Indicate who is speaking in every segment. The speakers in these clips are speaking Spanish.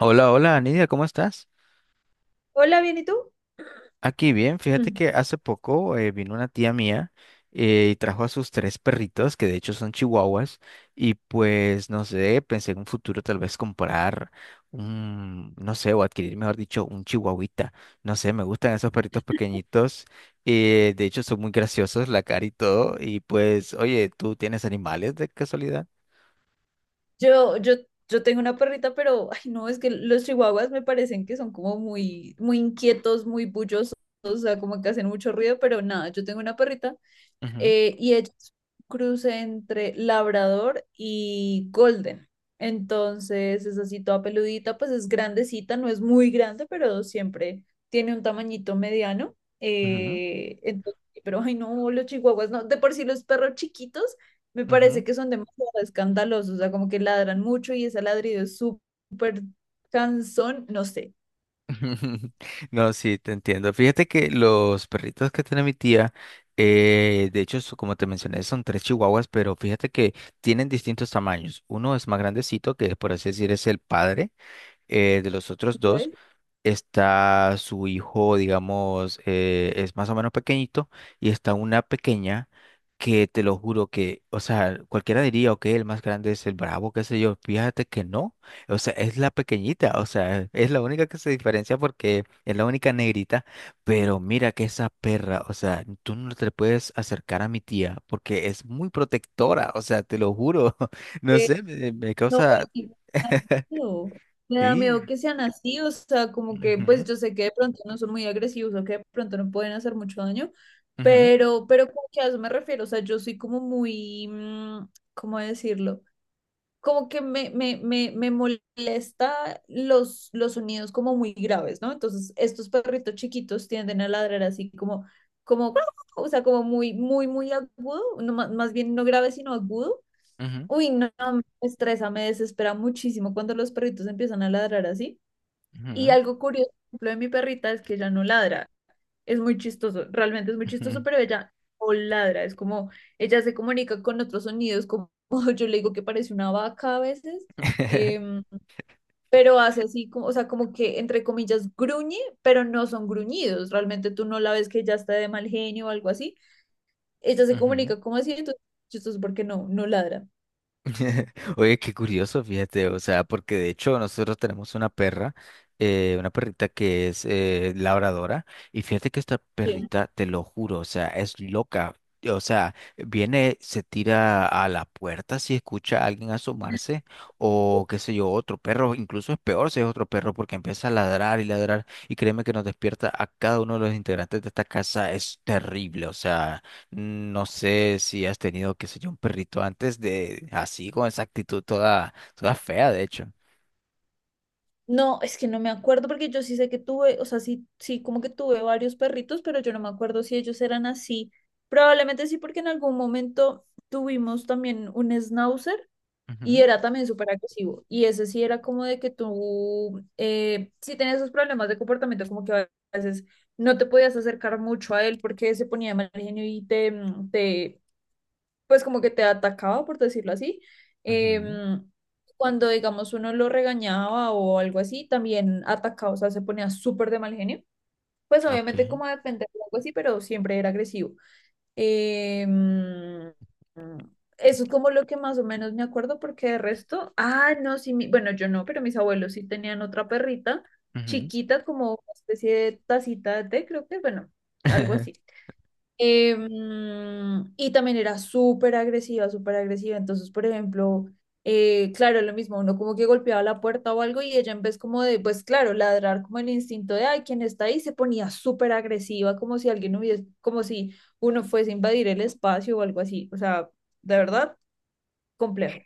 Speaker 1: Hola, hola, Nidia, ¿cómo estás?
Speaker 2: Hola, bien, ¿y tú?
Speaker 1: Aquí bien, fíjate que hace poco vino una tía mía y trajo a sus tres perritos, que de hecho son chihuahuas, y pues no sé, pensé en un futuro tal vez comprar un, no sé, o adquirir, mejor dicho, un chihuahuita. No sé, me gustan esos perritos pequeñitos, de hecho son muy graciosos, la cara y todo, y pues, oye, ¿tú tienes animales de casualidad?
Speaker 2: Yo, yo, yo tengo una perrita, pero, ay, no, es que los chihuahuas me parecen que son como muy inquietos, muy bullosos, o sea, como que hacen mucho ruido, pero nada, yo tengo una perrita
Speaker 1: Ujú,
Speaker 2: y ella es un cruce entre labrador y golden. Entonces es así toda peludita, pues es grandecita, no es muy grande, pero siempre tiene un tamañito mediano.
Speaker 1: ujú,
Speaker 2: Pero ay no, los chihuahuas no, de por sí los perros chiquitos me
Speaker 1: ujú.
Speaker 2: parece que son demasiado escandalosos, o sea, como que ladran mucho y ese ladrido es súper cansón, no sé.
Speaker 1: No, sí, te entiendo. Fíjate que los perritos que tiene mi tía, de hecho, como te mencioné, son tres chihuahuas, pero fíjate que tienen distintos tamaños. Uno es más grandecito, que por así decir es el padre de los otros dos,
Speaker 2: ¿Sabes?
Speaker 1: está su hijo, digamos, es más o menos pequeñito, y está una pequeña que te lo juro que, o sea, cualquiera diría, ok, el más grande es el bravo, qué sé yo, fíjate que no, o sea, es la pequeñita, o sea, es la única que se diferencia porque es la única negrita, pero mira que esa perra, o sea, tú no te puedes acercar a mi tía porque es muy protectora, o sea, te lo juro, no
Speaker 2: Eh,
Speaker 1: sé, me
Speaker 2: No,
Speaker 1: causa,
Speaker 2: y me da miedo. Me da
Speaker 1: sí.
Speaker 2: miedo que sean así, o sea, como que, pues
Speaker 1: Ujú,
Speaker 2: yo sé que de pronto no son muy agresivos o que de pronto no pueden hacer mucho daño,
Speaker 1: ujú,
Speaker 2: pero como que a eso me refiero, o sea, yo soy como muy, ¿cómo decirlo? Como que me molesta los sonidos como muy graves, ¿no? Entonces, estos perritos chiquitos tienden a ladrar así como, o sea, como muy, muy, muy agudo, no, más bien no grave, sino agudo.
Speaker 1: ujú.
Speaker 2: Uy, no, no, me estresa, me desespera muchísimo cuando los perritos empiezan a ladrar así. Y
Speaker 1: Ujú,
Speaker 2: algo curioso, por ejemplo, de mi perrita es que ella no ladra. Es muy chistoso, realmente es muy chistoso,
Speaker 1: ujú,
Speaker 2: pero ella no ladra. Es como, ella se comunica con otros sonidos, como yo le digo que parece una vaca a veces, em, pero hace así, como, o sea, como que entre comillas gruñe, pero no son gruñidos. Realmente tú no la ves que ella está de mal genio o algo así. Ella se
Speaker 1: ujú.
Speaker 2: comunica como así, entonces es chistoso porque no, no ladra.
Speaker 1: Oye, qué curioso, fíjate, o sea, porque de hecho nosotros tenemos una perra, una perrita que es labradora, y fíjate que esta
Speaker 2: Sí.
Speaker 1: perrita, te lo juro, o sea, es loca, o sea, viene, se tira a la puerta si escucha a alguien asomarse, o qué sé yo, otro perro, incluso es peor si es otro perro, porque empieza a ladrar y ladrar, y créeme que nos despierta a cada uno de los integrantes de esta casa, es terrible, o sea. No sé si has tenido, qué sé yo, un perrito antes de así, con esa actitud toda fea, de hecho.
Speaker 2: No, es que no me acuerdo porque yo sí sé que tuve, o sea, sí, sí, como que tuve varios perritos, pero yo no me acuerdo si ellos eran así. Probablemente sí, porque en algún momento tuvimos también un schnauzer y
Speaker 1: Ujú,
Speaker 2: era también súper agresivo. Y ese sí era como de que tú, sí tenías esos problemas de comportamiento, como que a veces no te podías acercar mucho a él porque se ponía de mal genio y te, pues como que te atacaba, por decirlo así.
Speaker 1: ujú,
Speaker 2: Em, Cuando, digamos, uno lo regañaba o algo así, también atacaba, o sea, se ponía súper de mal genio. Pues
Speaker 1: ok,
Speaker 2: obviamente como a defender o algo así, pero siempre era agresivo. Em, Eso es como lo que más o menos me acuerdo, porque de resto, ah, no, sí, bueno, yo no, pero mis abuelos sí tenían otra perrita
Speaker 1: ujú.
Speaker 2: chiquita, como una especie de tacita de té, creo que, bueno, algo así. Em, y también era súper agresiva, súper agresiva. Entonces, por ejemplo, claro, lo mismo, uno como que golpeaba la puerta o algo y ella en vez como de, pues claro, ladrar como el instinto de, ay, ¿quién está ahí? Se ponía súper agresiva, como si alguien hubiese, como si uno fuese a invadir el espacio o algo así. O sea, de verdad, complejo.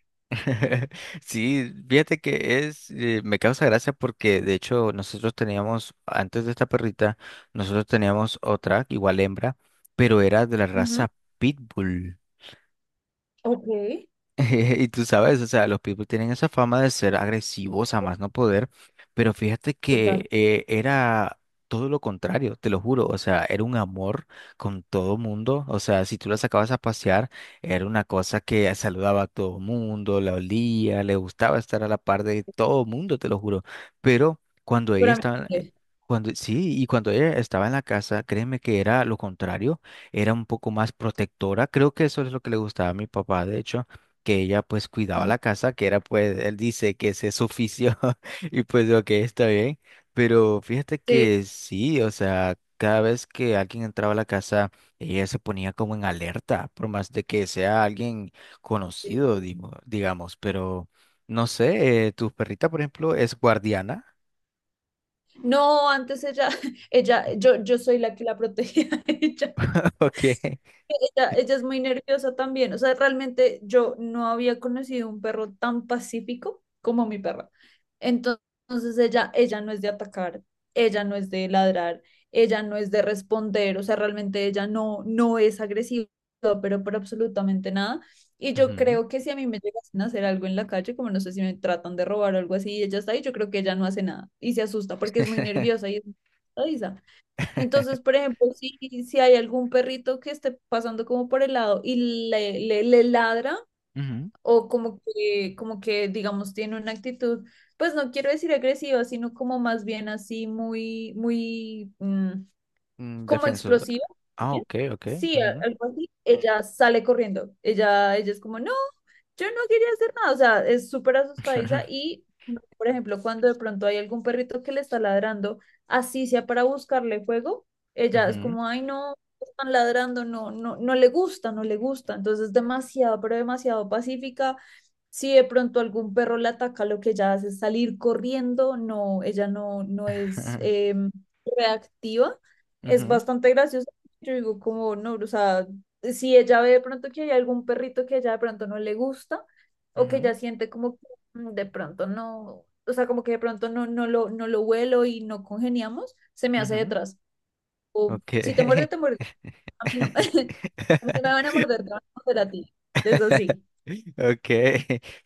Speaker 1: Sí, fíjate que es, me causa gracia porque de hecho nosotros teníamos, antes de esta perrita, nosotros teníamos otra, igual hembra, pero era de la
Speaker 2: Ujú.
Speaker 1: raza Pitbull.
Speaker 2: Ok,
Speaker 1: Y tú sabes, o sea, los pitbull tienen esa fama de ser agresivos a más no poder, pero fíjate
Speaker 2: total.
Speaker 1: que era todo lo contrario, te lo juro, o sea, era un amor con todo mundo, o sea, si tú la sacabas a pasear, era una cosa que saludaba a todo mundo, la olía, le gustaba estar a la par de todo mundo, te lo juro, pero cuando ella
Speaker 2: Seguramente.
Speaker 1: estaba... cuando, sí, y cuando ella estaba en la casa, créeme que era lo contrario, era un poco más protectora, creo que eso es lo que le gustaba a mi papá, de hecho que ella pues cuidaba
Speaker 2: Ajá.
Speaker 1: la casa, que era pues, él dice que ese es su oficio y pues ok, está bien, pero fíjate
Speaker 2: Sí.
Speaker 1: que sí, o sea, cada vez que alguien entraba a la casa, ella se ponía como en alerta, por más de que sea alguien conocido, digamos, pero no sé, tu perrita, por ejemplo, es guardiana,
Speaker 2: No, antes ella, ella, yo soy la que la protegía a ella.
Speaker 1: ok.
Speaker 2: Ella es muy nerviosa también. O sea, realmente yo no había conocido un perro tan pacífico como mi perra. Entonces, ella no es de atacar, ella no es de ladrar, ella no es de responder. O sea, realmente ella no, no es agresiva, pero por absolutamente nada. Y yo
Speaker 1: Ujú.
Speaker 2: creo que si a mí me llegasen a hacer algo en la calle, como no sé si me tratan de robar o algo así, y ella está ahí, yo creo que ella no hace nada y se asusta porque es muy nerviosa y es muy asustadiza. Entonces, por ejemplo, si, si hay algún perrito que esté pasando como por el lado y le ladra
Speaker 1: Ujú.
Speaker 2: o como que, digamos, tiene una actitud, pues no quiero decir agresiva, sino como más bien así muy, muy,
Speaker 1: Mm,
Speaker 2: como
Speaker 1: defensor.
Speaker 2: explosiva.
Speaker 1: Ah,
Speaker 2: ¿Bien?
Speaker 1: ok, ok.
Speaker 2: Sí,
Speaker 1: Ujú.
Speaker 2: algo así. Ella sale corriendo. Ella es como, no, yo no quería hacer nada. O sea, es súper asustadiza y, por ejemplo, cuando de pronto hay algún perrito que le está ladrando, así sea para buscarle fuego, ella es
Speaker 1: Ujú.
Speaker 2: como, ay, no, están ladrando, no, no, no le gusta, no le gusta. Entonces es demasiado, pero demasiado pacífica. Si de pronto algún perro la ataca, lo que ella hace es salir corriendo. No, ella no, no es reactiva, es
Speaker 1: Ujú.
Speaker 2: bastante gracioso. Yo digo como, no, o sea, si ella ve de pronto que hay algún perrito que ella de pronto no le gusta o que
Speaker 1: Ujú.
Speaker 2: ella siente como que de pronto no, o sea, como que de pronto no, no lo huelo y no congeniamos, se me hace
Speaker 1: Ujú.
Speaker 2: detrás. O
Speaker 1: Ok.
Speaker 2: si te muerde, te muerde. A mí no. A mí no me van a morder, te van a morder a ti. Eso sí.
Speaker 1: Ok.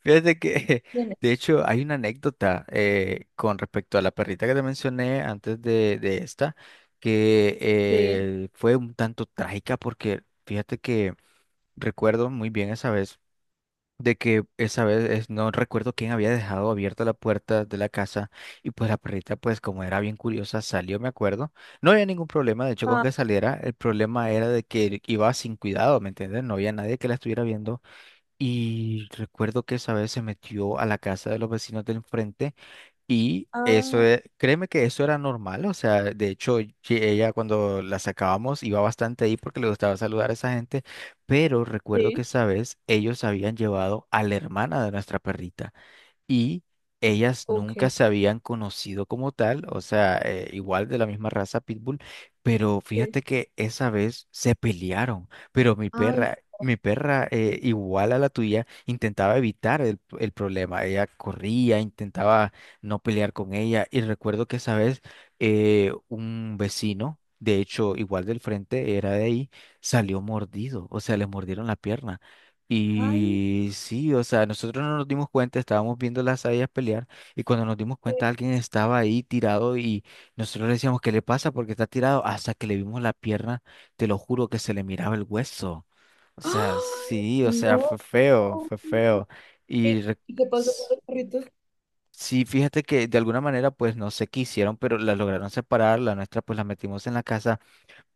Speaker 1: Fíjate que,
Speaker 2: Viene.
Speaker 1: de hecho, hay una anécdota con respecto a la perrita que te mencioné antes de esta, que
Speaker 2: Sí.
Speaker 1: fue un tanto trágica porque fíjate que recuerdo muy bien esa vez. De que esa vez no recuerdo quién había dejado abierta la puerta de la casa y pues la perrita pues como era bien curiosa salió, me acuerdo. No había ningún problema, de hecho con
Speaker 2: Ah,
Speaker 1: que saliera, el problema era de que iba sin cuidado, ¿me entiendes? No había nadie que la estuviera viendo y recuerdo que esa vez se metió a la casa de los vecinos del enfrente y eso,
Speaker 2: ah,
Speaker 1: créeme que eso era normal, o sea, de hecho, ella cuando la sacábamos iba bastante ahí porque le gustaba saludar a esa gente, pero recuerdo que
Speaker 2: sí.
Speaker 1: esa vez ellos habían llevado a la hermana de nuestra perrita y ellas
Speaker 2: Ok.
Speaker 1: nunca se habían conocido como tal, o sea, igual de la misma raza Pitbull, pero
Speaker 2: Sí.
Speaker 1: fíjate que esa vez se pelearon, pero
Speaker 2: Ay, no.
Speaker 1: mi perra igual a la tuya intentaba evitar el problema, ella corría, intentaba no pelear con ella y recuerdo que esa vez un vecino, de hecho igual del frente, era de ahí, salió mordido, o sea, le mordieron la pierna.
Speaker 2: Ay,
Speaker 1: Y sí, o sea, nosotros no nos dimos cuenta, estábamos viendo las hayas pelear y cuando nos dimos
Speaker 2: sí.
Speaker 1: cuenta alguien estaba ahí tirado y nosotros le decíamos, ¿qué le pasa? ¿Porque está tirado? Hasta que le vimos la pierna, te lo juro que se le miraba el hueso. O sea,
Speaker 2: Ay,
Speaker 1: sí, o sea,
Speaker 2: no.
Speaker 1: fue feo, fue feo.
Speaker 2: ¿Y
Speaker 1: Y
Speaker 2: y qué pasó con
Speaker 1: s-
Speaker 2: los perritos?
Speaker 1: sí, fíjate que de alguna manera pues no se quisieron, pero la lograron separar, la nuestra pues la metimos en la casa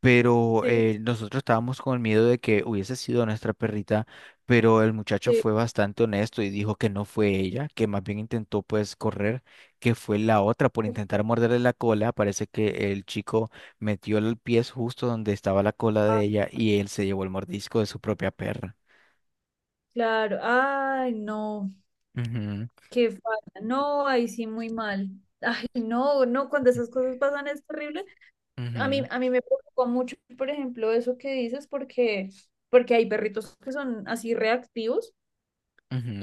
Speaker 1: pero
Speaker 2: Sí,
Speaker 1: nosotros estábamos con el miedo de que hubiese sido nuestra perrita, pero el muchacho
Speaker 2: sí.
Speaker 1: fue bastante honesto y dijo que no fue ella, que más bien intentó pues correr, que fue la otra por intentar
Speaker 2: Ok.
Speaker 1: morderle la cola. Parece que el chico metió el pie justo donde estaba la cola
Speaker 2: Ah,
Speaker 1: de ella y él se llevó el mordisco de su propia perra.
Speaker 2: claro. Ay, no.
Speaker 1: Ujú,
Speaker 2: Qué falta. No, ahí sí, muy mal. Ay, no, no, cuando esas cosas pasan es terrible.
Speaker 1: ujú,
Speaker 2: A mí me preocupó mucho, por ejemplo, eso que dices, porque, porque hay perritos que son así reactivos.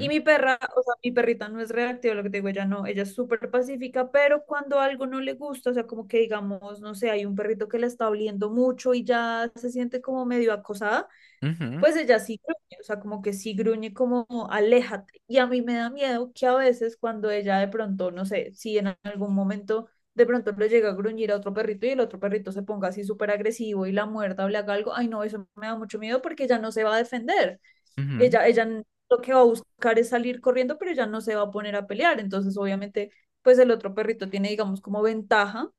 Speaker 2: Y mi perra, o sea, mi perrita no es reactiva, lo que te digo, ella no, ella es súper pacífica, pero cuando algo no le gusta, o sea, como que digamos, no sé, hay un perrito que la está oliendo mucho y ya se siente como medio acosada. Pues ella sí gruñe, o sea, como que sí gruñe como aléjate. Y a mí me da miedo que a veces cuando ella de pronto, no sé, si en algún momento de pronto le llega a gruñir a otro perrito y el otro perrito se ponga así súper agresivo y la muerda o le haga algo, ay no, eso me da mucho miedo porque ella no se va a defender.
Speaker 1: ujú,
Speaker 2: Ella lo que va a buscar es salir corriendo, pero ella no se va a poner a pelear. Entonces, obviamente, pues el otro perrito tiene, digamos, como ventaja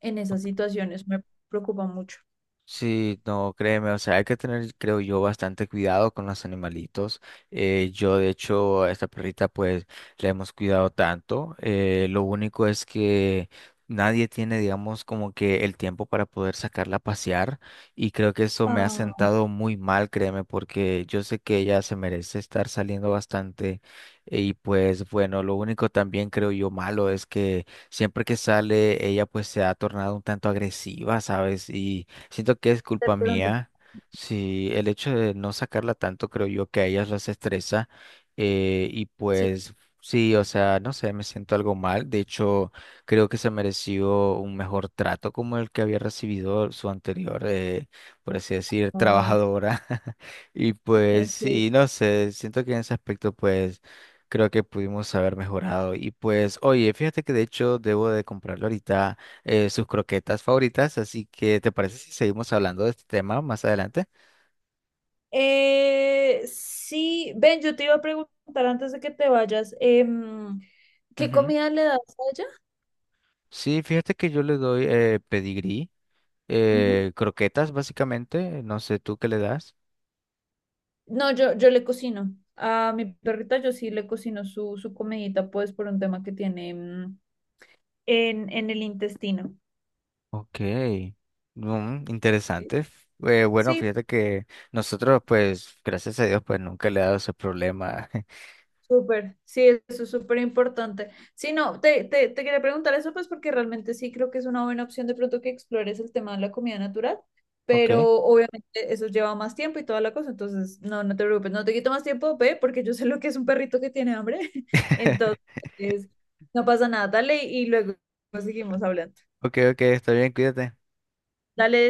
Speaker 2: en
Speaker 1: ujú.
Speaker 2: esas situaciones. Me preocupa mucho.
Speaker 1: Sí, no, créeme, o sea, hay que tener, creo yo, bastante cuidado con los animalitos. Yo, de hecho, a esta perrita, pues, la hemos cuidado tanto. Lo único es que nadie tiene, digamos, como que el tiempo para poder sacarla a pasear. Y creo que eso me ha
Speaker 2: Ah,
Speaker 1: sentado muy mal, créeme, porque yo sé que ella se merece estar saliendo bastante. Y pues, bueno, lo único también, creo yo, malo es que siempre que sale, ella, pues, se ha tornado un tanto agresiva, ¿sabes? Y siento que es
Speaker 2: de
Speaker 1: culpa
Speaker 2: pronto,
Speaker 1: mía. Si el hecho de no sacarla tanto, creo yo que a ellas las estresa. Y
Speaker 2: sí.
Speaker 1: pues sí, o sea, no sé, me siento algo mal. De hecho, creo que se mereció un mejor trato como el que había recibido su anterior, por así decir,
Speaker 2: Ah,
Speaker 1: trabajadora. Y pues
Speaker 2: sí,
Speaker 1: sí, no sé, siento que en ese aspecto, pues creo que pudimos haber mejorado. Y pues, oye, fíjate que de hecho debo de comprarlo ahorita sus croquetas favoritas. Así que, ¿te parece si seguimos hablando de este tema más adelante?
Speaker 2: eh, sí, Ben, yo te iba a preguntar antes de que te vayas, ¿qué
Speaker 1: Ujú.
Speaker 2: comida le das a ella?
Speaker 1: Sí, fíjate que yo le doy pedigrí,
Speaker 2: Ujú.
Speaker 1: croquetas básicamente. No sé tú qué le das.
Speaker 2: No, yo le cocino. A mi perrita yo sí le cocino su comidita, pues por un tema que tiene en el intestino.
Speaker 1: Ok, mm, interesante. Bueno,
Speaker 2: Sí,
Speaker 1: fíjate que nosotros, pues, gracias a Dios, pues nunca le he dado ese problema.
Speaker 2: súper, sí, eso es súper importante. Sí, no, te quería preguntar eso, pues porque realmente sí creo que es una buena opción de pronto que explores el tema de la comida natural,
Speaker 1: Ok,
Speaker 2: pero obviamente eso lleva más tiempo y toda la cosa, entonces no, no te preocupes, no te quito más tiempo, ve, porque yo sé lo que es un perrito que tiene hambre, entonces no pasa nada, dale y luego seguimos hablando.
Speaker 1: ok, ok, está bien, cuídate.
Speaker 2: Dale.